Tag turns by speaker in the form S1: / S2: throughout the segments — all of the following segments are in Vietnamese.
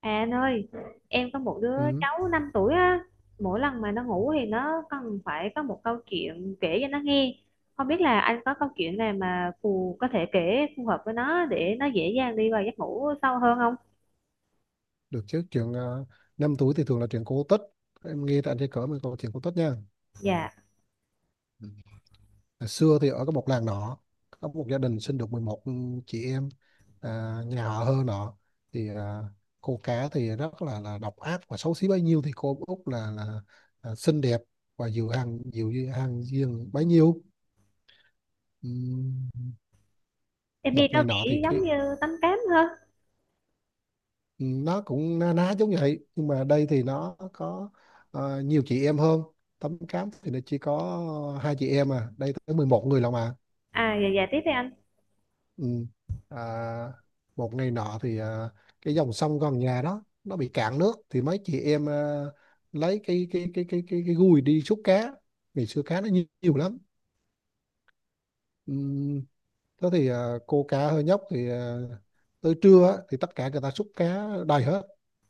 S1: À anh ơi, em có một đứa
S2: Ừ,
S1: cháu 5 tuổi á, mỗi lần mà nó ngủ thì nó cần phải có một câu chuyện kể cho nó nghe. Không biết là anh có câu chuyện nào mà có thể kể phù hợp với nó để nó dễ dàng đi vào giấc ngủ sâu hơn không?
S2: được chứ chuyện năm túi thì thường là chuyện cổ tích. Em nghe tại trên cỡ mình có chuyện cổ tích nha.
S1: Dạ,
S2: Ừ. Hồi xưa thì ở một làng nọ có một gia đình sinh được 11 chị em, nhà họ Hơ nọ thì cô cá thì rất là độc ác và xấu xí bấy nhiêu, thì cô Út là xinh đẹp và dịu dàng duyên bấy nhiêu. Ừm,
S1: em nghe
S2: Một
S1: nó
S2: ngày nọ thì
S1: bị giống như tánh cám hơn.
S2: Nó cũng na ná giống vậy, nhưng mà đây thì nó có nhiều chị em hơn. Tấm Cám thì nó chỉ có hai chị em, à đây tới 11 người lận mà.
S1: À, dạ dạ tiếp đi anh.
S2: Ừ. à, một ngày nọ thì cái dòng sông gần nhà đó nó bị cạn nước, thì mấy chị em lấy cái gùi đi xúc cá. Ngày xưa cá nó nhiều, nhiều lắm. Ừ. Thế thì cô cá hơi nhóc thì tới trưa á, thì tất cả người ta xúc cá đầy hết,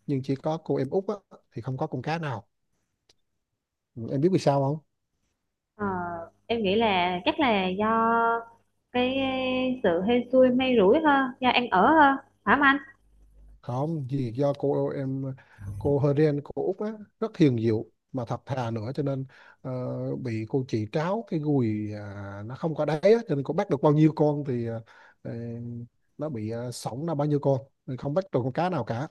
S2: nhưng chỉ có cô em út á, thì không có con cá nào. Em biết vì sao không?
S1: Ờ, em nghĩ là chắc là do cái sự hên xui may rủi hơn, do ăn ở hơn, phải không anh?
S2: Không, vì do cô em, cô Heren cô Út á, rất hiền dịu mà thật thà nữa, cho nên ờ, bị cô chị tráo cái gùi, à nó không có đáy á, cho nên cô bắt được bao nhiêu con thì ờ, nó bị sõng ra bao nhiêu con, nên không bắt được con cá nào cả.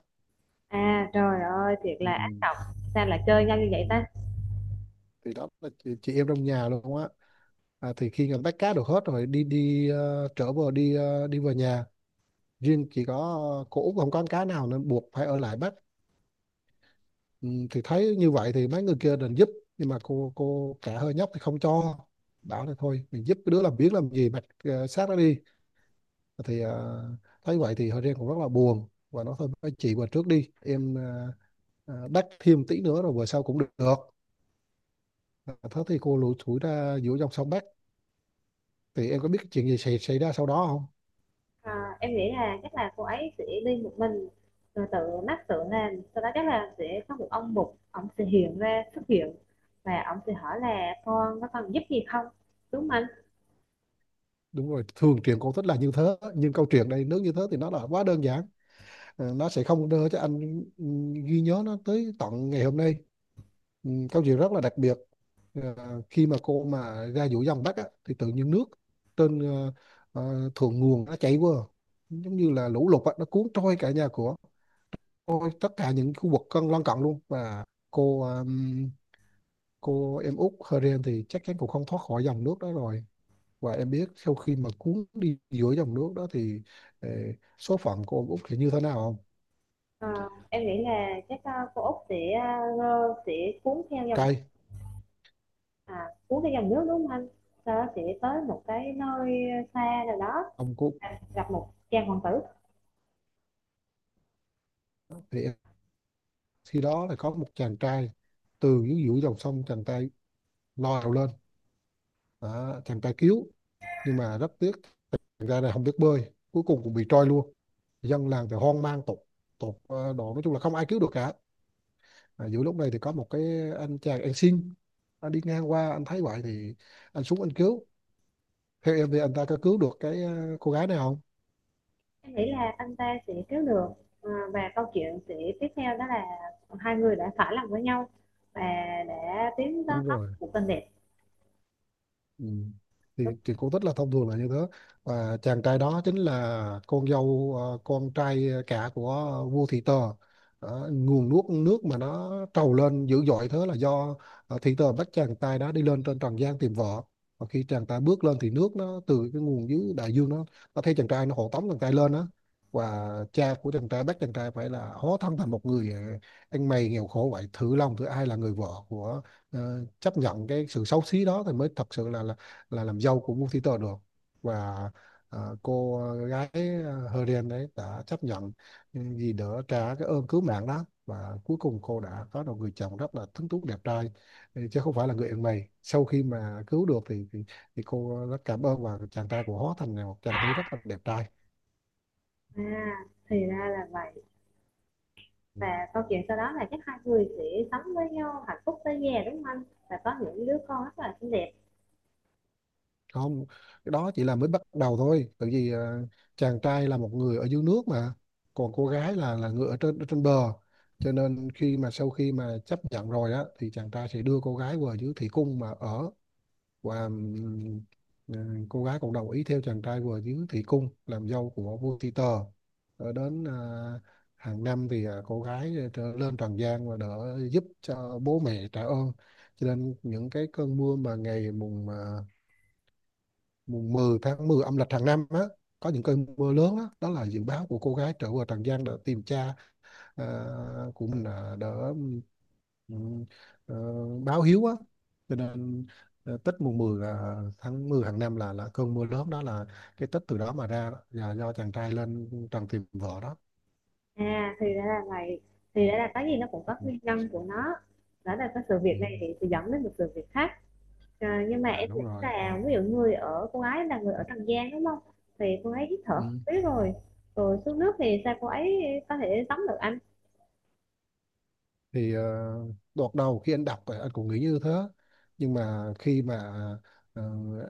S1: À trời ơi, thiệt
S2: Ừ.
S1: là ác độc, sao lại chơi nhau như vậy
S2: ừ.
S1: ta?
S2: Thì đó là chị em trong nhà luôn á. À, thì khi người ta bắt cá được hết rồi đi đi ờ, trở về đi về nhà, riêng chỉ có cô Út không có con cá nào nên buộc phải ở lại bắt. Ừ, thì thấy như vậy thì mấy người kia định giúp, nhưng mà cô cả hơi nhóc thì không cho, bảo là thôi mình giúp cái đứa làm biếng làm gì, mặc xác nó đi. Thì thấy vậy thì hơi riêng cũng rất là buồn, và nói thôi mấy chị vào trước đi, em đắc thêm tí nữa rồi bữa sau cũng được. Ờ, thế thì cô lủi thủi ra giữa dòng sông Bắc. Thì em có biết cái chuyện gì xảy ra sau đó không?
S1: Ờ, em nghĩ là chắc là cô ấy sẽ đi một mình rồi tự làm, sau đó chắc là sẽ có một ông sẽ hiện ra xuất hiện và ông sẽ hỏi là con có cần giúp gì không, đúng không anh?
S2: Đúng rồi, thường truyện cổ tích là như thế, nhưng câu chuyện đây nếu như thế thì nó là quá đơn giản. Ờ, nó sẽ không đưa cho anh ừ, ghi nhớ nó tới tận ngày hôm nay. Ừ, câu chuyện rất là đặc biệt. Ờ, khi mà cô mà ra giữa dòng Bắc á, thì tự nhiên nước trên thượng nguồn nó chảy qua, giống như là lũ lụt á, nó cuốn trôi cả nhà của, trôi tất cả những khu vực lân cận luôn, và cô ừm, cô em út Heren thì chắc chắn cũng không thoát khỏi dòng nước đó rồi. Và em biết sau khi mà cuốn đi giữa dòng nước đó thì ờ, số phận của ông út thì như thế nào không?
S1: Ờ, em nghĩ là chắc cô Út sẽ, ờ, sẽ cuốn theo dòng,
S2: Cay
S1: à, cuốn theo dòng nước, đúng không anh? Sau đó sẽ tới một cái nơi xa nào đó,
S2: ông có,
S1: à, gặp một chàng hoàng tử.
S2: thì em, khi đó là có một chàng trai từ dưới giữa dòng sông, chàng trai leo lên. Đó, chàng trai cứu, nhưng mà rất tiếc chàng trai này không biết bơi, cuối cùng cũng bị trôi luôn. Dân làng thì hoang mang tột tột ờ, độ, nói chung là không ai cứu được cả. À, giữa lúc này thì có một cái anh chàng, anh xin, anh đi ngang qua, anh thấy vậy thì anh xuống anh cứu. Theo em thì anh ta có cứu được cái cô gái này không?
S1: Em nghĩ là anh ta sẽ cứu được. Và câu chuyện sẽ tiếp theo đó là hai người đã phải lòng với nhau và đã tiến tới
S2: Đúng
S1: tóc
S2: rồi.
S1: của tình đẹp.
S2: Ừ.
S1: Đúng.
S2: Thì cổ tích là thông thường là như thế. Và chàng trai đó chính là con dâu con trai cả của vua Thị Tờ. Đó, nguồn nước nước mà nó trào lên dữ dội thế là do Thị Tờ bắt chàng trai đó đi lên trên trần gian tìm vợ. Và khi chàng trai bước lên thì nước nó từ cái nguồn dưới đại dương, nó thấy chàng trai, nó hộ tống chàng trai lên đó. Và cha của chàng trai bắt chàng trai phải là hóa thân thành một người ăn mày nghèo khổ, vậy thử lòng thử ai là người vợ của chấp nhận cái sự xấu xí đó, thì mới thật sự là làm dâu của vua Thị Tờ được. Và cô gái Heren đấy đã chấp nhận vì đỡ trả cái ơn cứu mạng đó, và cuối cùng cô đã có được người chồng rất là tuấn tú đẹp trai. Ừ, chứ không phải là người ăn mày. Sau khi mà cứu được thì cô rất cảm ơn, và chàng trai của hóa thành là một chàng tử rất là đẹp trai.
S1: À, thì ra là vậy.
S2: Ừ.
S1: Và câu chuyện sau đó là chắc hai người sẽ sống với nhau hạnh phúc tới già, đúng không anh? Và có những đứa con rất là xinh đẹp.
S2: Không, cái đó chỉ là mới bắt đầu thôi, tại vì chàng trai là một người ở dưới nước mà, còn cô gái là người ở ở trên bờ, cho nên khi mà sau khi mà chấp nhận rồi á, thì chàng trai sẽ đưa cô gái vào dưới thủy cung mà ở. Và cô gái cũng đồng ý theo chàng trai vào dưới thủy cung làm dâu của vua Ti tờ. Ở đến hàng năm thì cô gái trở lên trần gian và đỡ giúp cho bố mẹ trả ơn. Cho nên những cái cơn mưa mà ngày mùng 10 tháng 10 âm lịch hàng năm á, có những cơn mưa lớn đó, đó là dự báo của cô gái trở về Trần gian để tìm cha à, của mình, à đỡ ừm, ờ, báo hiếu á. Cho nên Tết mùng 10 là tháng 10 hàng năm là cơn mưa lớn đó, là cái Tết từ đó mà ra đó, là do chàng trai lên trần tìm vợ đó.
S1: À, thì ra là vậy,
S2: Ừ.
S1: thì ra là cái gì nó cũng
S2: Ừ.
S1: có
S2: ừ.
S1: nguyên nhân của nó. Đó là cái sự việc
S2: ừ.
S1: này thì sẽ dẫn đến một sự việc khác. Nhưng mà
S2: À,
S1: em
S2: đúng
S1: nghĩ
S2: rồi.
S1: là ví dụ người ở cô gái là người ở Tràng Giang đúng không, thì cô ấy hít thở không
S2: Ừ.
S1: khí rồi, rồi xuống nước thì sao cô ấy có thể tắm được anh?
S2: Thì đợt đầu khi anh đọc anh cũng nghĩ như thế, nhưng mà khi mà ờ,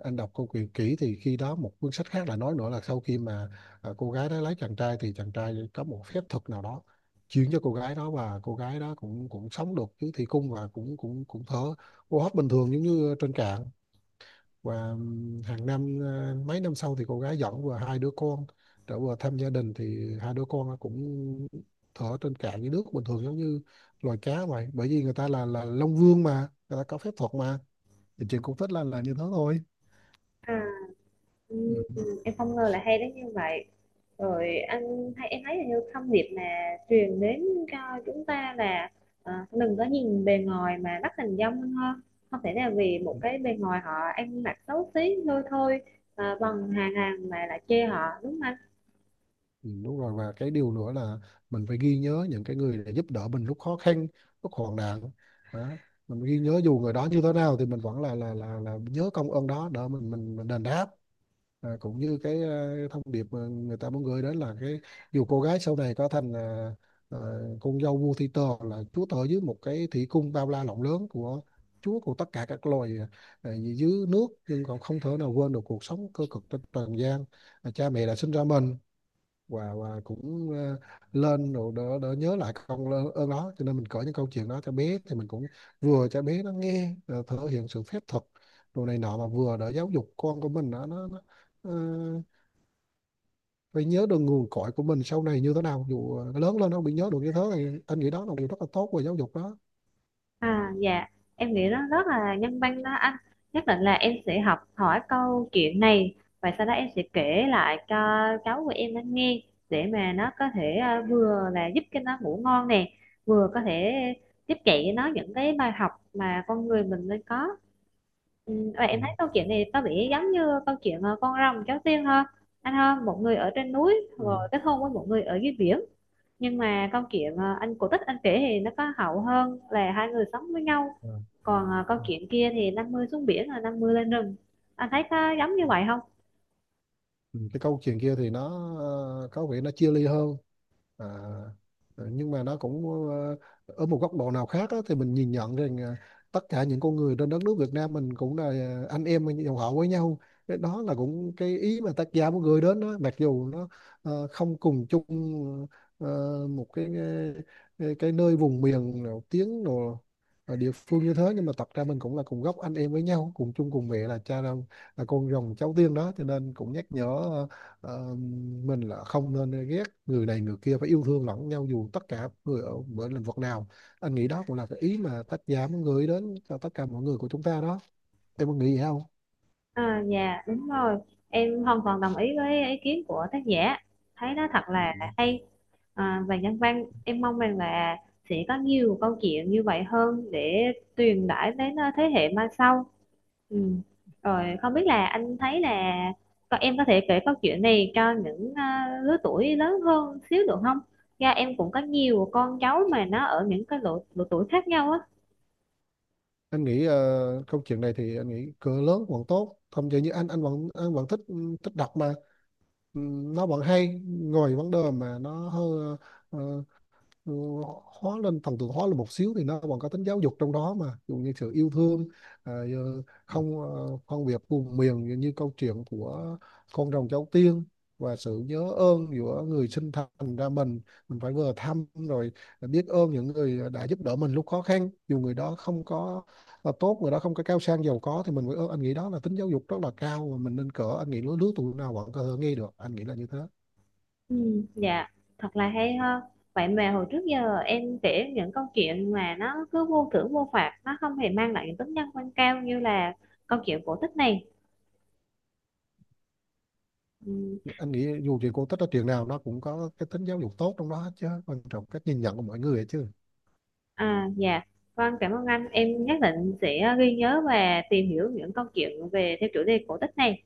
S2: anh đọc câu chuyện kỹ thì khi đó một cuốn sách khác là nói nữa là sau khi mà cô gái đó lấy chàng trai thì chàng trai có một phép thuật nào đó chuyển cho cô gái đó, và cô gái đó cũng cũng sống được cái thủy cung, và cũng cũng cũng thở hô hấp bình thường giống như trên cạn. Và hàng năm, mấy năm sau thì cô gái dẫn vừa hai đứa con trở vừa thăm gia đình, thì hai đứa con nó cũng thở trên cạn dưới nước bình thường giống như loài cá vậy, bởi vì người ta là Long Vương mà, người ta có phép thuật mà. Thì chuyện cũng thích là như thế thôi.
S1: À, ừ,
S2: Ừ.
S1: ừ, em không ngờ là hay đến như vậy. Rồi anh, hay em thấy là như thông điệp mà truyền đến cho chúng ta là, đừng có nhìn bề ngoài mà bắt hình dong hơn ha. Không thể là vì một cái bề ngoài họ ăn mặc xấu xí lôi thôi, à, bằng hàng hàng mà lại chê họ đúng không anh?
S2: Ừ, đúng rồi, và cái điều nữa là mình phải ghi nhớ những cái người đã giúp đỡ mình lúc khó khăn, lúc hoạn nạn đó. Mình ghi nhớ dù người đó như thế nào thì mình vẫn là nhớ công ơn đó, để mình đền đáp. Cũng như cái, à thông điệp mà người ta muốn gửi đến là cái dù cô gái sau này có thành à, con dâu vua Thi Tơ, là chúa tể dưới một cái thủy cung bao la rộng lớn của chúa của tất cả các loài à, dưới nước, nhưng còn không thể nào quên được cuộc sống cơ cực trên trần gian, à cha mẹ đã sinh ra mình. Và cũng lên rồi đỡ đỡ nhớ lại công ơn ơn đó, cho nên mình kể những câu chuyện đó cho bé thì mình cũng vừa cho bé nó nghe, thể hiện sự phép thuật đồ này nọ, mà vừa đỡ giáo dục con của mình, nó ờ, phải nhớ được nguồn cội của mình sau này như thế nào, dù nó lớn lên nó không bị nhớ được như thế này. Anh nghĩ đó là một điều rất là tốt của giáo dục đó.
S1: À, dạ, em nghĩ nó rất là nhân văn đó anh. Nhất định là em sẽ học hỏi câu chuyện này và sau đó em sẽ kể lại cho cháu của em nó nghe, để mà nó có thể, vừa là giúp cho nó ngủ ngon nè, vừa có thể tiếp dạy nó những cái bài học mà con người mình nên có. Ừ, và
S2: Ừ.
S1: em thấy câu chuyện này có vẻ giống như câu chuyện, con rồng cháu tiên ha, anh ha? Một người ở trên núi
S2: ừ.
S1: rồi kết hôn với một người ở dưới biển, nhưng mà câu chuyện, anh cổ tích anh kể thì nó có hậu hơn là hai người sống với nhau.
S2: Ờ.
S1: Còn à, con
S2: Ừ.
S1: kiến kia thì 50 xuống biển là 50 lên rừng, anh thấy có giống như vậy không?
S2: Ừ. Cái câu chuyện kia thì nó có vẻ nó chia ly hơn. À, nhưng mà nó cũng ờ, ở một góc độ nào khác á, thì mình nhìn nhận rằng tất cả những con người trên đất nước Việt Nam mình cũng là anh em dòng họ với nhau. Cái đó là cũng cái ý mà tác giả muốn gửi đến đó, mặc dù nó không cùng chung ờ, một cái, cái nơi vùng miền nào, tiếng nào ở địa phương như thế, nhưng mà thật ra mình cũng là cùng gốc anh em với nhau, cùng chung cùng mẹ là cha là con rồng cháu tiên đó. Cho nên cũng nhắc nhở Ờ, mình là không nên ghét người này người kia, phải yêu thương lẫn nhau dù tất cả người ở mỗi lĩnh vực nào. Anh nghĩ đó cũng là cái ý mà tác giả muốn gửi đến cho tất cả mọi người của chúng ta đó. Em có nghĩ vậy không?
S1: À, dạ đúng rồi, em hoàn toàn đồng ý với ý kiến của tác giả, thấy nó thật
S2: Ừ.
S1: là hay. À, và nhân văn, em mong rằng là sẽ có nhiều câu chuyện như vậy hơn để truyền tải đến, à, thế hệ mai sau. Ừ. Rồi không biết là anh thấy là, còn em có thể kể câu chuyện này cho những, à, lứa tuổi lớn hơn xíu được không? Dạ em cũng có nhiều con cháu mà nó ở những cái độ tuổi khác nhau á.
S2: Anh nghĩ câu chuyện này thì anh nghĩ cỡ lớn vẫn tốt, không chỉ như anh, anh vẫn thích, thích đọc mà. Ừ, nó vẫn hay, ngồi vấn đề mà nó hơi ờ, ừ, hóa lên thần tượng hóa lên một xíu thì nó còn có tính giáo dục trong đó mà. Ví dụ như sự yêu thương, à, ờ, không ờ, phân biệt vùng miền như như câu chuyện của con rồng cháu tiên, và sự nhớ ơn giữa người sinh thành ra mình phải vừa thăm rồi biết ơn những người đã giúp đỡ mình lúc khó khăn, dù người đó không có là tốt, người đó không có cao sang giàu có, thì mình phải ơn. Anh nghĩ đó là tính giáo dục rất là cao, và mình nên cỡ anh nghĩ lứa lứa tuổi nào vẫn có thể nghe được, anh nghĩ là như thế.
S1: Ừ, dạ, thật là hay ha. Vậy mà hồi trước giờ em kể những câu chuyện mà nó cứ vô thưởng vô phạt, nó không hề mang lại những tính nhân văn cao như là câu chuyện cổ tích này. Ừ.
S2: Anh nghĩ dù gì cô tích ở trường nào nó cũng có cái tính giáo dục tốt trong đó hết, chứ quan trọng cách nhìn nhận của mọi người ấy chứ.
S1: À dạ vâng, cảm ơn anh, em nhất định sẽ ghi nhớ và tìm hiểu những câu chuyện về theo chủ đề cổ tích này.